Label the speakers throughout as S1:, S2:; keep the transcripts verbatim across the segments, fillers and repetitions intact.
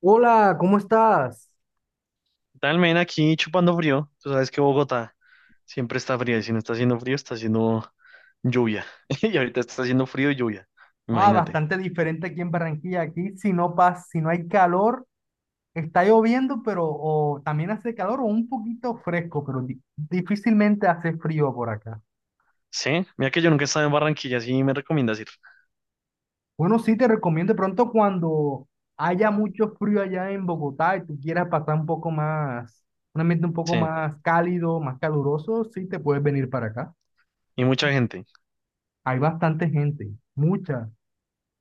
S1: Hola, ¿cómo estás?
S2: Tal men aquí chupando frío. Tú sabes que Bogotá siempre está fría y si no está haciendo frío, está haciendo lluvia. Y ahorita está haciendo frío y lluvia.
S1: Ah,
S2: Imagínate.
S1: bastante diferente aquí en Barranquilla. Aquí, si no pasa, si no hay calor, está lloviendo, pero o también hace calor o un poquito fresco, pero di- difícilmente hace frío por acá.
S2: Sí, mira que yo nunca he estado en Barranquilla, sí me recomiendas ir.
S1: Bueno, sí, te recomiendo de pronto cuando haya mucho frío allá en Bogotá y tú quieras pasar un poco más, un ambiente un poco
S2: Sí,
S1: más cálido, más caluroso, sí te puedes venir para acá.
S2: y mucha gente.
S1: Hay bastante gente, mucha.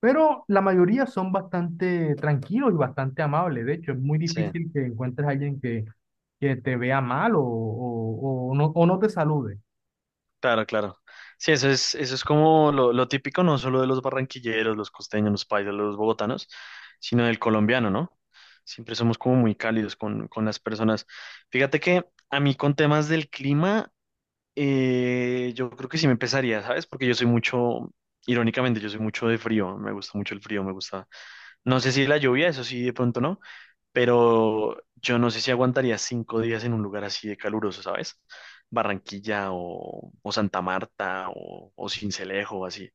S1: Pero la mayoría son bastante tranquilos y bastante amables. De hecho, es muy
S2: Sí,
S1: difícil que encuentres a alguien que, que te vea mal, o, o, o no, o no te salude.
S2: claro, claro. Sí, eso es, eso es como lo, lo típico, no solo de los barranquilleros, los costeños, los paisas, los bogotanos, sino del colombiano, ¿no? Siempre somos como muy cálidos con, con las personas. Fíjate que a mí con temas del clima. Eh, yo creo que sí me empezaría, ¿sabes? Porque yo soy mucho, irónicamente, yo soy mucho de frío, me gusta mucho el frío, me gusta. No sé si la lluvia, eso sí, de pronto no, pero yo no sé si aguantaría cinco días en un lugar así de caluroso, ¿sabes? Barranquilla o, o Santa Marta o, o Sincelejo o así.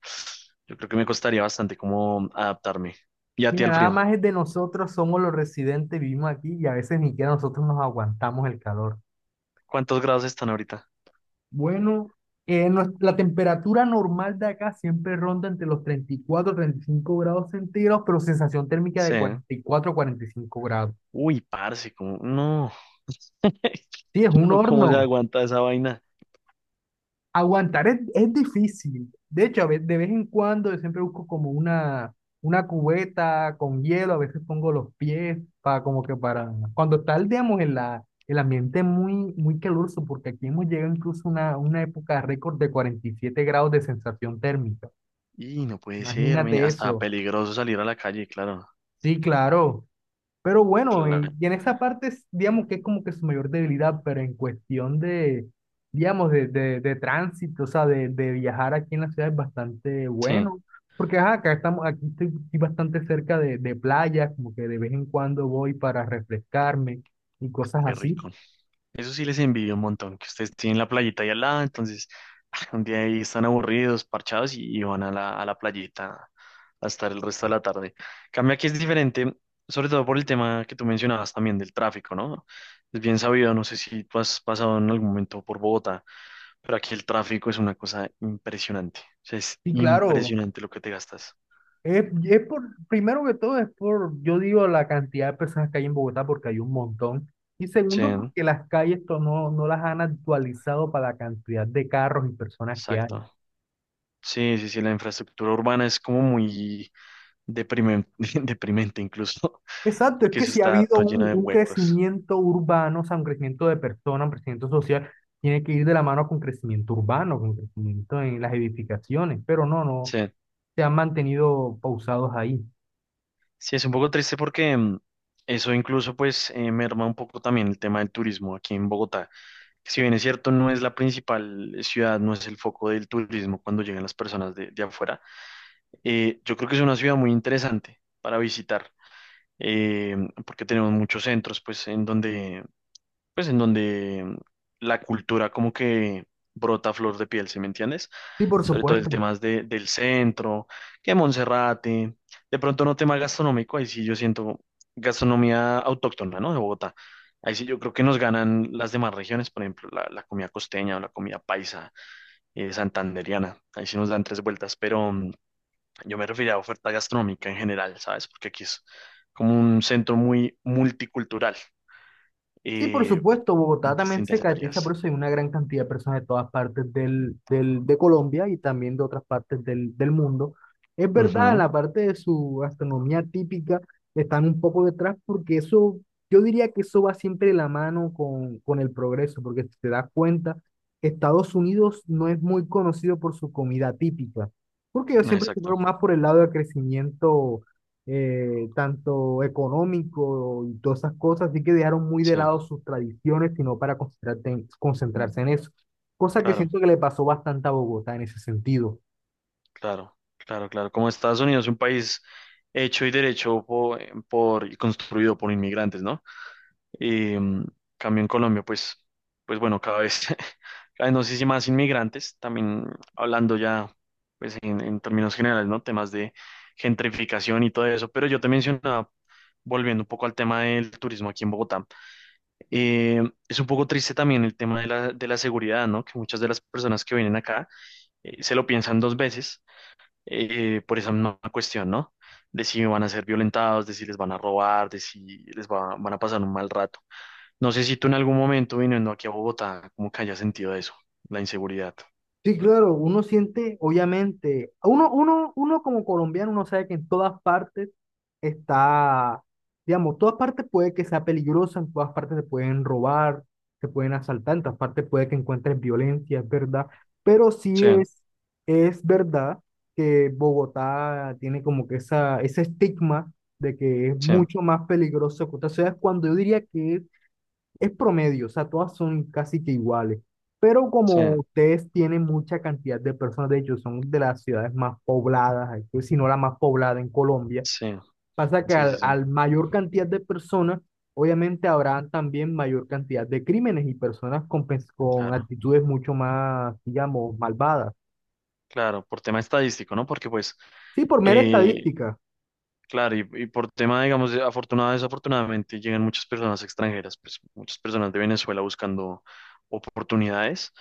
S2: Yo creo que me costaría bastante como adaptarme. ¿Y a ti
S1: Mira,
S2: al
S1: nada
S2: frío?
S1: más es de nosotros, somos los residentes, vivimos aquí y a veces ni siquiera nosotros nos aguantamos el calor.
S2: ¿Cuántos grados están ahorita?
S1: Bueno, eh, nues- la temperatura normal de acá siempre ronda entre los treinta, treinta y cuatro, treinta y cinco grados centígrados, pero sensación térmica de
S2: Sí.
S1: cuarenta, cuarenta y cuatro, cuarenta y cinco grados.
S2: Uy, parce, como, no.
S1: Sí, es
S2: Yo
S1: un
S2: no, ¿cómo
S1: horno.
S2: se aguanta esa vaina?
S1: Aguantar es, es difícil. De hecho, a ve- de vez en cuando yo siempre busco como una, una cubeta con hielo, a veces pongo los pies para como que para. Cuando está, digamos, en la, el ambiente muy, muy caluroso, porque aquí hemos llegado incluso a una, una época récord de cuarenta y siete grados de sensación térmica.
S2: Y no puede ser, men,
S1: Imagínate
S2: hasta
S1: eso.
S2: peligroso salir a la calle, claro.
S1: Sí, claro. Pero bueno, y,
S2: Claro.
S1: y en esa parte, es, digamos que es como que su mayor debilidad, pero en cuestión de, digamos, de, de, de tránsito, o sea, de, de viajar aquí en la ciudad es bastante
S2: Sí,
S1: bueno, porque ajá, acá estamos, aquí estoy, estoy bastante cerca de, de playa, como que de vez en cuando voy para refrescarme y cosas
S2: qué
S1: así.
S2: rico. Eso sí les envidio un montón, que ustedes tienen la playita ahí al lado, entonces un día ahí están aburridos, parchados y, y van a la, a la playita a estar el resto de la tarde. Cambia que es diferente, sobre todo por el tema que tú mencionabas también del tráfico, ¿no? Es bien sabido, no sé si tú has pasado en algún momento por Bogotá, pero aquí el tráfico es una cosa impresionante. O sea, es
S1: Y claro,
S2: impresionante lo que te gastas.
S1: Es, es por, primero que todo es por, yo digo, la cantidad de personas que hay en Bogotá porque hay un montón. Y
S2: Sí,
S1: segundo,
S2: ¿no?
S1: porque las calles to- no, no las han actualizado para la cantidad de carros y personas que hay.
S2: Exacto. Sí, sí, sí, la infraestructura urbana es como muy deprimente, deprimente incluso,
S1: Exacto, es
S2: porque
S1: que
S2: eso
S1: si ha
S2: está
S1: habido
S2: todo lleno
S1: un,
S2: de
S1: un
S2: huecos.
S1: crecimiento urbano, o sea, un crecimiento de personas, un crecimiento social, tiene que ir de la mano con crecimiento urbano, con crecimiento en las edificaciones, pero no, no,
S2: Sí,
S1: se han mantenido pausados ahí.
S2: sí, es un poco triste porque mm, eso incluso pues eh, merma un poco también el tema del turismo aquí en Bogotá. Si bien es cierto, no es la principal ciudad, no es el foco del turismo cuando llegan las personas de, de afuera. Eh, yo creo que es una ciudad muy interesante para visitar, eh, porque tenemos muchos centros, pues, en donde pues en donde mm, la cultura como que brota a flor de piel, ¿sí me entiendes?
S1: Sí, por
S2: Sobre todo el
S1: supuesto.
S2: tema de, del centro, que Monserrate, de pronto no tema gastronómico, ahí sí yo siento gastronomía autóctona, ¿no? De Bogotá. Ahí sí yo creo que nos ganan las demás regiones, por ejemplo, la, la comida costeña o la comida paisa, eh, santandereana, ahí sí nos dan tres vueltas, pero mm, yo me refería a oferta gastronómica en general, ¿sabes? Porque aquí es como un centro muy multicultural,
S1: Sí, por
S2: eh,
S1: supuesto,
S2: en
S1: Bogotá también se
S2: distintas
S1: caracteriza
S2: áreas.
S1: por eso hay una gran cantidad de personas de todas partes del, del- de Colombia y también de otras partes del, del mundo. Es verdad, en
S2: Ujú.
S1: la parte de su gastronomía típica están un poco detrás porque eso, yo diría que eso va siempre de la mano con, con el progreso, porque si te das cuenta, Estados Unidos no es muy conocido por su comida típica, porque ellos siempre se
S2: Exacto,
S1: fueron más por el lado del crecimiento eh, tanto económico y todas esas cosas, así que dejaron muy de
S2: sí,
S1: lado sus tradiciones, sino para concentrarte en- concentrarse en eso. Cosa que
S2: claro,
S1: siento que le pasó bastante a Bogotá en ese sentido.
S2: claro, claro, claro. Como Estados Unidos es un país hecho y derecho po- por, y construido por inmigrantes, ¿no? Y mm, cambio en Colombia, pues, pues bueno, cada vez, cada vez no sé si más inmigrantes, también hablando ya, pues en, en términos generales, ¿no? Temas de gentrificación y todo eso. Pero yo te mencionaba, volviendo un poco al tema del turismo aquí en Bogotá, eh, es un poco triste también el tema de la, de la seguridad, ¿no? Que muchas de las personas que vienen acá eh, se lo piensan dos veces eh, por esa misma cuestión, ¿no? De si van a ser violentados, de si les van a robar, de si les va- van a pasar un mal rato. No sé si tú en algún momento viniendo aquí a Bogotá, como que hayas sentido eso, la inseguridad.
S1: Sí, claro, uno siente, obviamente, uno, uno, uno como colombiano, uno sabe que en todas partes está, digamos, todas partes puede que sea peligrosa, en todas partes te pueden robar, te pueden asaltar, en todas partes puede que encuentres violencia, es verdad, pero sí
S2: Sí,
S1: es, es verdad que Bogotá tiene como que esa, ese estigma de que es
S2: sí,
S1: mucho más peligroso que otras ciudades, cuando yo diría que es es promedio, o sea, todas son casi que iguales. Pero
S2: sí,
S1: como ustedes tienen mucha cantidad de personas, de hecho, son de las ciudades más pobladas, aquí, si no la más poblada en Colombia,
S2: sí,
S1: pasa que
S2: sí, sí,
S1: al,
S2: sí,
S1: al mayor cantidad de personas, obviamente habrá también mayor cantidad de crímenes y personas con, pens- con
S2: claro,
S1: actitudes mucho más, digamos, malvadas.
S2: claro, por tema estadístico, ¿no? Porque pues,
S1: Sí, por mera
S2: eh,
S1: estadística,
S2: claro, y, y por tema, digamos, de afortunada, desafortunadamente, llegan muchas personas extranjeras, pues muchas personas de Venezuela buscando oportunidades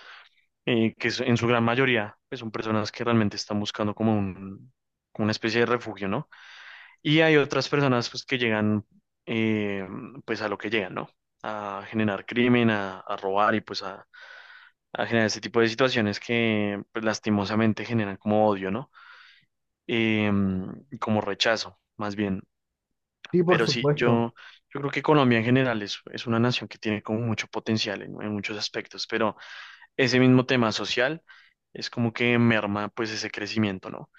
S2: eh, que es- en su gran mayoría pues, son personas que realmente están buscando como un, como una especie de refugio, ¿no? Y hay otras personas pues, que llegan eh, pues a lo que llegan, ¿no? A generar crimen, a, a robar y pues a, a generar este tipo de situaciones que pues, lastimosamente generan como odio, ¿no? Eh, y como rechazo, más bien.
S1: sí, por
S2: Pero sí,
S1: supuesto.
S2: yo, yo creo que Colombia en general es, es una nación que tiene como mucho potencial en en muchos aspectos, pero ese mismo tema social es como que merma pues ese crecimiento, ¿no?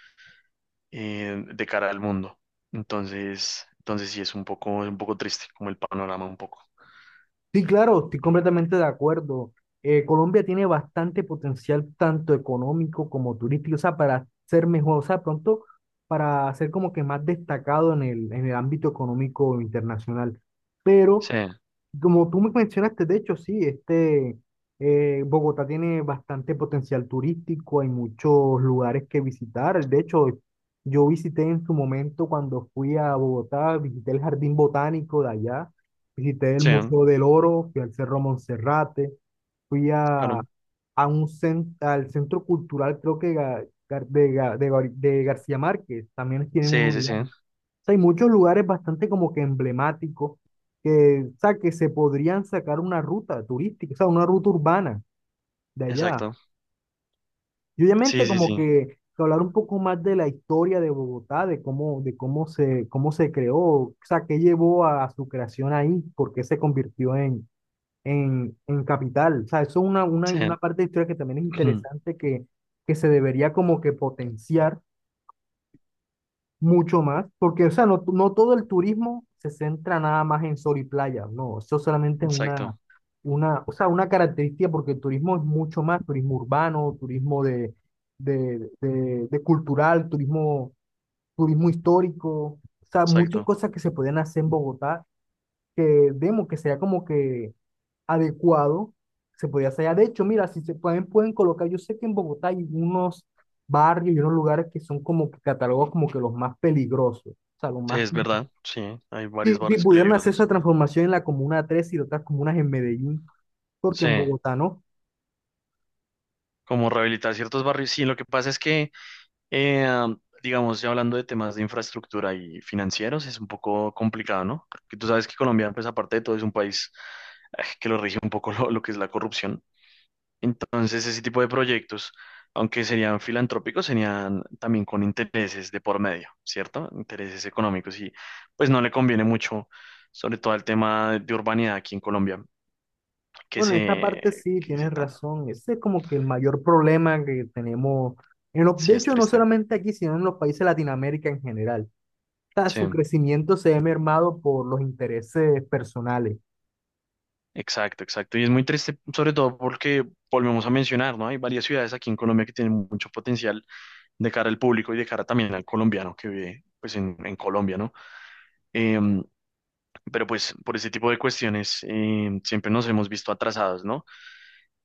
S2: Eh, de cara al mundo. Entonces, entonces sí es un poco, un poco triste como el panorama un poco.
S1: Sí, claro, estoy completamente de acuerdo. Eh, Colombia tiene bastante potencial, tanto económico como turístico, o sea, para ser mejor, o sea, pronto para ser como que más destacado en el, en el ámbito económico internacional. Pero
S2: Sí,
S1: como tú me mencionaste, de hecho, sí, este, eh, Bogotá tiene bastante potencial turístico, hay muchos lugares que visitar. De hecho, yo visité en su momento cuando fui a Bogotá, visité el Jardín Botánico de allá, visité el
S2: sí,
S1: Museo del Oro, fui al Cerro Monserrate, fui a,
S2: claro.
S1: a un cen- al Centro Cultural, creo que Ga- Gar- de, Ga- de Gar- de García Márquez, también tienen
S2: Sí,
S1: un
S2: sí, sí,
S1: lugar sea, hay muchos lugares bastante como que emblemáticos que, o sea, que se podrían sacar una ruta turística, o sea, una ruta urbana de allá.
S2: exacto.
S1: Y obviamente
S2: Sí, sí,
S1: como
S2: sí,
S1: que, que hablar un poco más de la historia de Bogotá, de cómo, de cómo se, cómo se creó, o sea, qué llevó a, a su creación ahí, por qué se convirtió en, en, en capital. O sea, eso es una, una, una
S2: sí,
S1: parte de historia que también es interesante que, que se debería como que potenciar mucho más, porque, o sea, no, no todo el turismo se centra nada más en sol y playa, no, eso solamente es una,
S2: exacto,
S1: una, o sea, una característica, porque el turismo es mucho más, turismo urbano, turismo de, de, de, de cultural, turismo, turismo histórico, o sea, muchas
S2: exacto.
S1: cosas que se pueden hacer en Bogotá que vemos que sería como que adecuado, se podía hacer. Ah, de hecho, mira, si se pueden, pueden colocar, yo sé que en Bogotá hay unos barrios y unos lugares que son como que catalogados como que los más peligrosos, o sea, los más.
S2: Es verdad, sí, hay
S1: Si,
S2: varios
S1: si
S2: barrios
S1: pudieran hacer esa
S2: peligrosos.
S1: transformación en la Comuna tres y otras comunas en Medellín, porque
S2: Sí,
S1: en Bogotá no.
S2: como rehabilitar ciertos barrios. Sí, lo que pasa es que Eh, digamos, ya hablando de temas de infraestructura y financieros, es un poco complicado, ¿no? Porque tú sabes que Colombia, pues aparte de todo, es un país eh, que lo rige un poco lo, lo que es la corrupción. Entonces, ese tipo de proyectos, aunque serían filantrópicos, serían también con intereses de por medio, ¿cierto? Intereses económicos y pues no le conviene mucho, sobre todo el tema de urbanidad aquí en Colombia, que
S1: Bueno, en esta parte
S2: se,
S1: sí,
S2: que se
S1: tienes
S2: tan,
S1: razón, ese es como que el mayor problema que tenemos, en lo-
S2: sí
S1: de
S2: es
S1: hecho, no
S2: triste,
S1: solamente aquí, sino en los países de Latinoamérica en general. O sea, su
S2: sí.
S1: crecimiento se ve mermado por los intereses personales.
S2: Exacto, exacto. Y es muy triste, sobre todo porque volvemos a mencionar, ¿no? Hay varias ciudades aquí en Colombia que tienen mucho potencial de cara al público y de cara también al colombiano que vive, pues, en, en Colombia, ¿no? Em, pero pues por ese tipo de cuestiones em, siempre nos hemos visto atrasados, ¿no?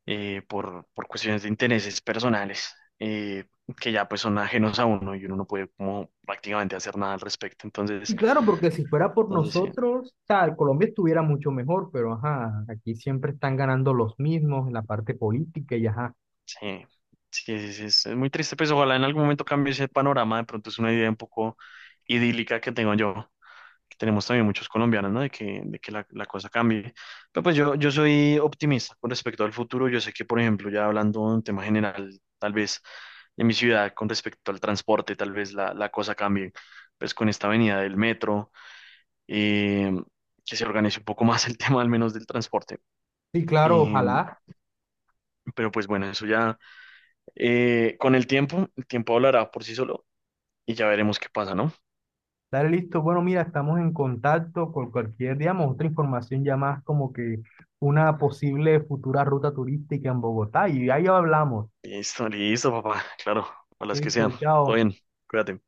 S2: Eh, por, por cuestiones de intereses personales eh, que ya pues son ajenos a uno y uno no puede como prácticamente hacer nada al respecto.
S1: Y
S2: Entonces,
S1: claro, porque si fuera por
S2: entonces sí.
S1: nosotros, o sea, Colombia estuviera mucho mejor, pero ajá, aquí siempre están ganando los mismos en la parte política y ajá.
S2: Sí, sí, sí, sí, es, es muy triste, pues ojalá en algún momento cambie ese panorama, de pronto es una idea un poco idílica que tengo yo, que tenemos también muchos colombianos, ¿no? De que, de que la, la cosa cambie. Pero pues yo, yo soy optimista con respecto al futuro, yo sé que, por ejemplo, ya hablando de un tema general, tal vez de mi ciudad, con respecto al transporte, tal vez la, la cosa cambie, pues con esta avenida del metro, eh, que se organice un poco más el tema al menos del transporte.
S1: Sí, claro,
S2: Eh,
S1: ojalá.
S2: pero pues bueno, eso ya... Eh, con el tiempo, el tiempo hablará por sí solo y ya veremos qué pasa, ¿no?
S1: Dale, listo. Bueno, mira, estamos en contacto con cualquier, digamos, otra información ya más como que una posible futura ruta turística en Bogotá y ahí hablamos.
S2: Listo, listo, papá. Claro, a las que
S1: Listo,
S2: sean. Todo
S1: chao.
S2: bien, cuídate.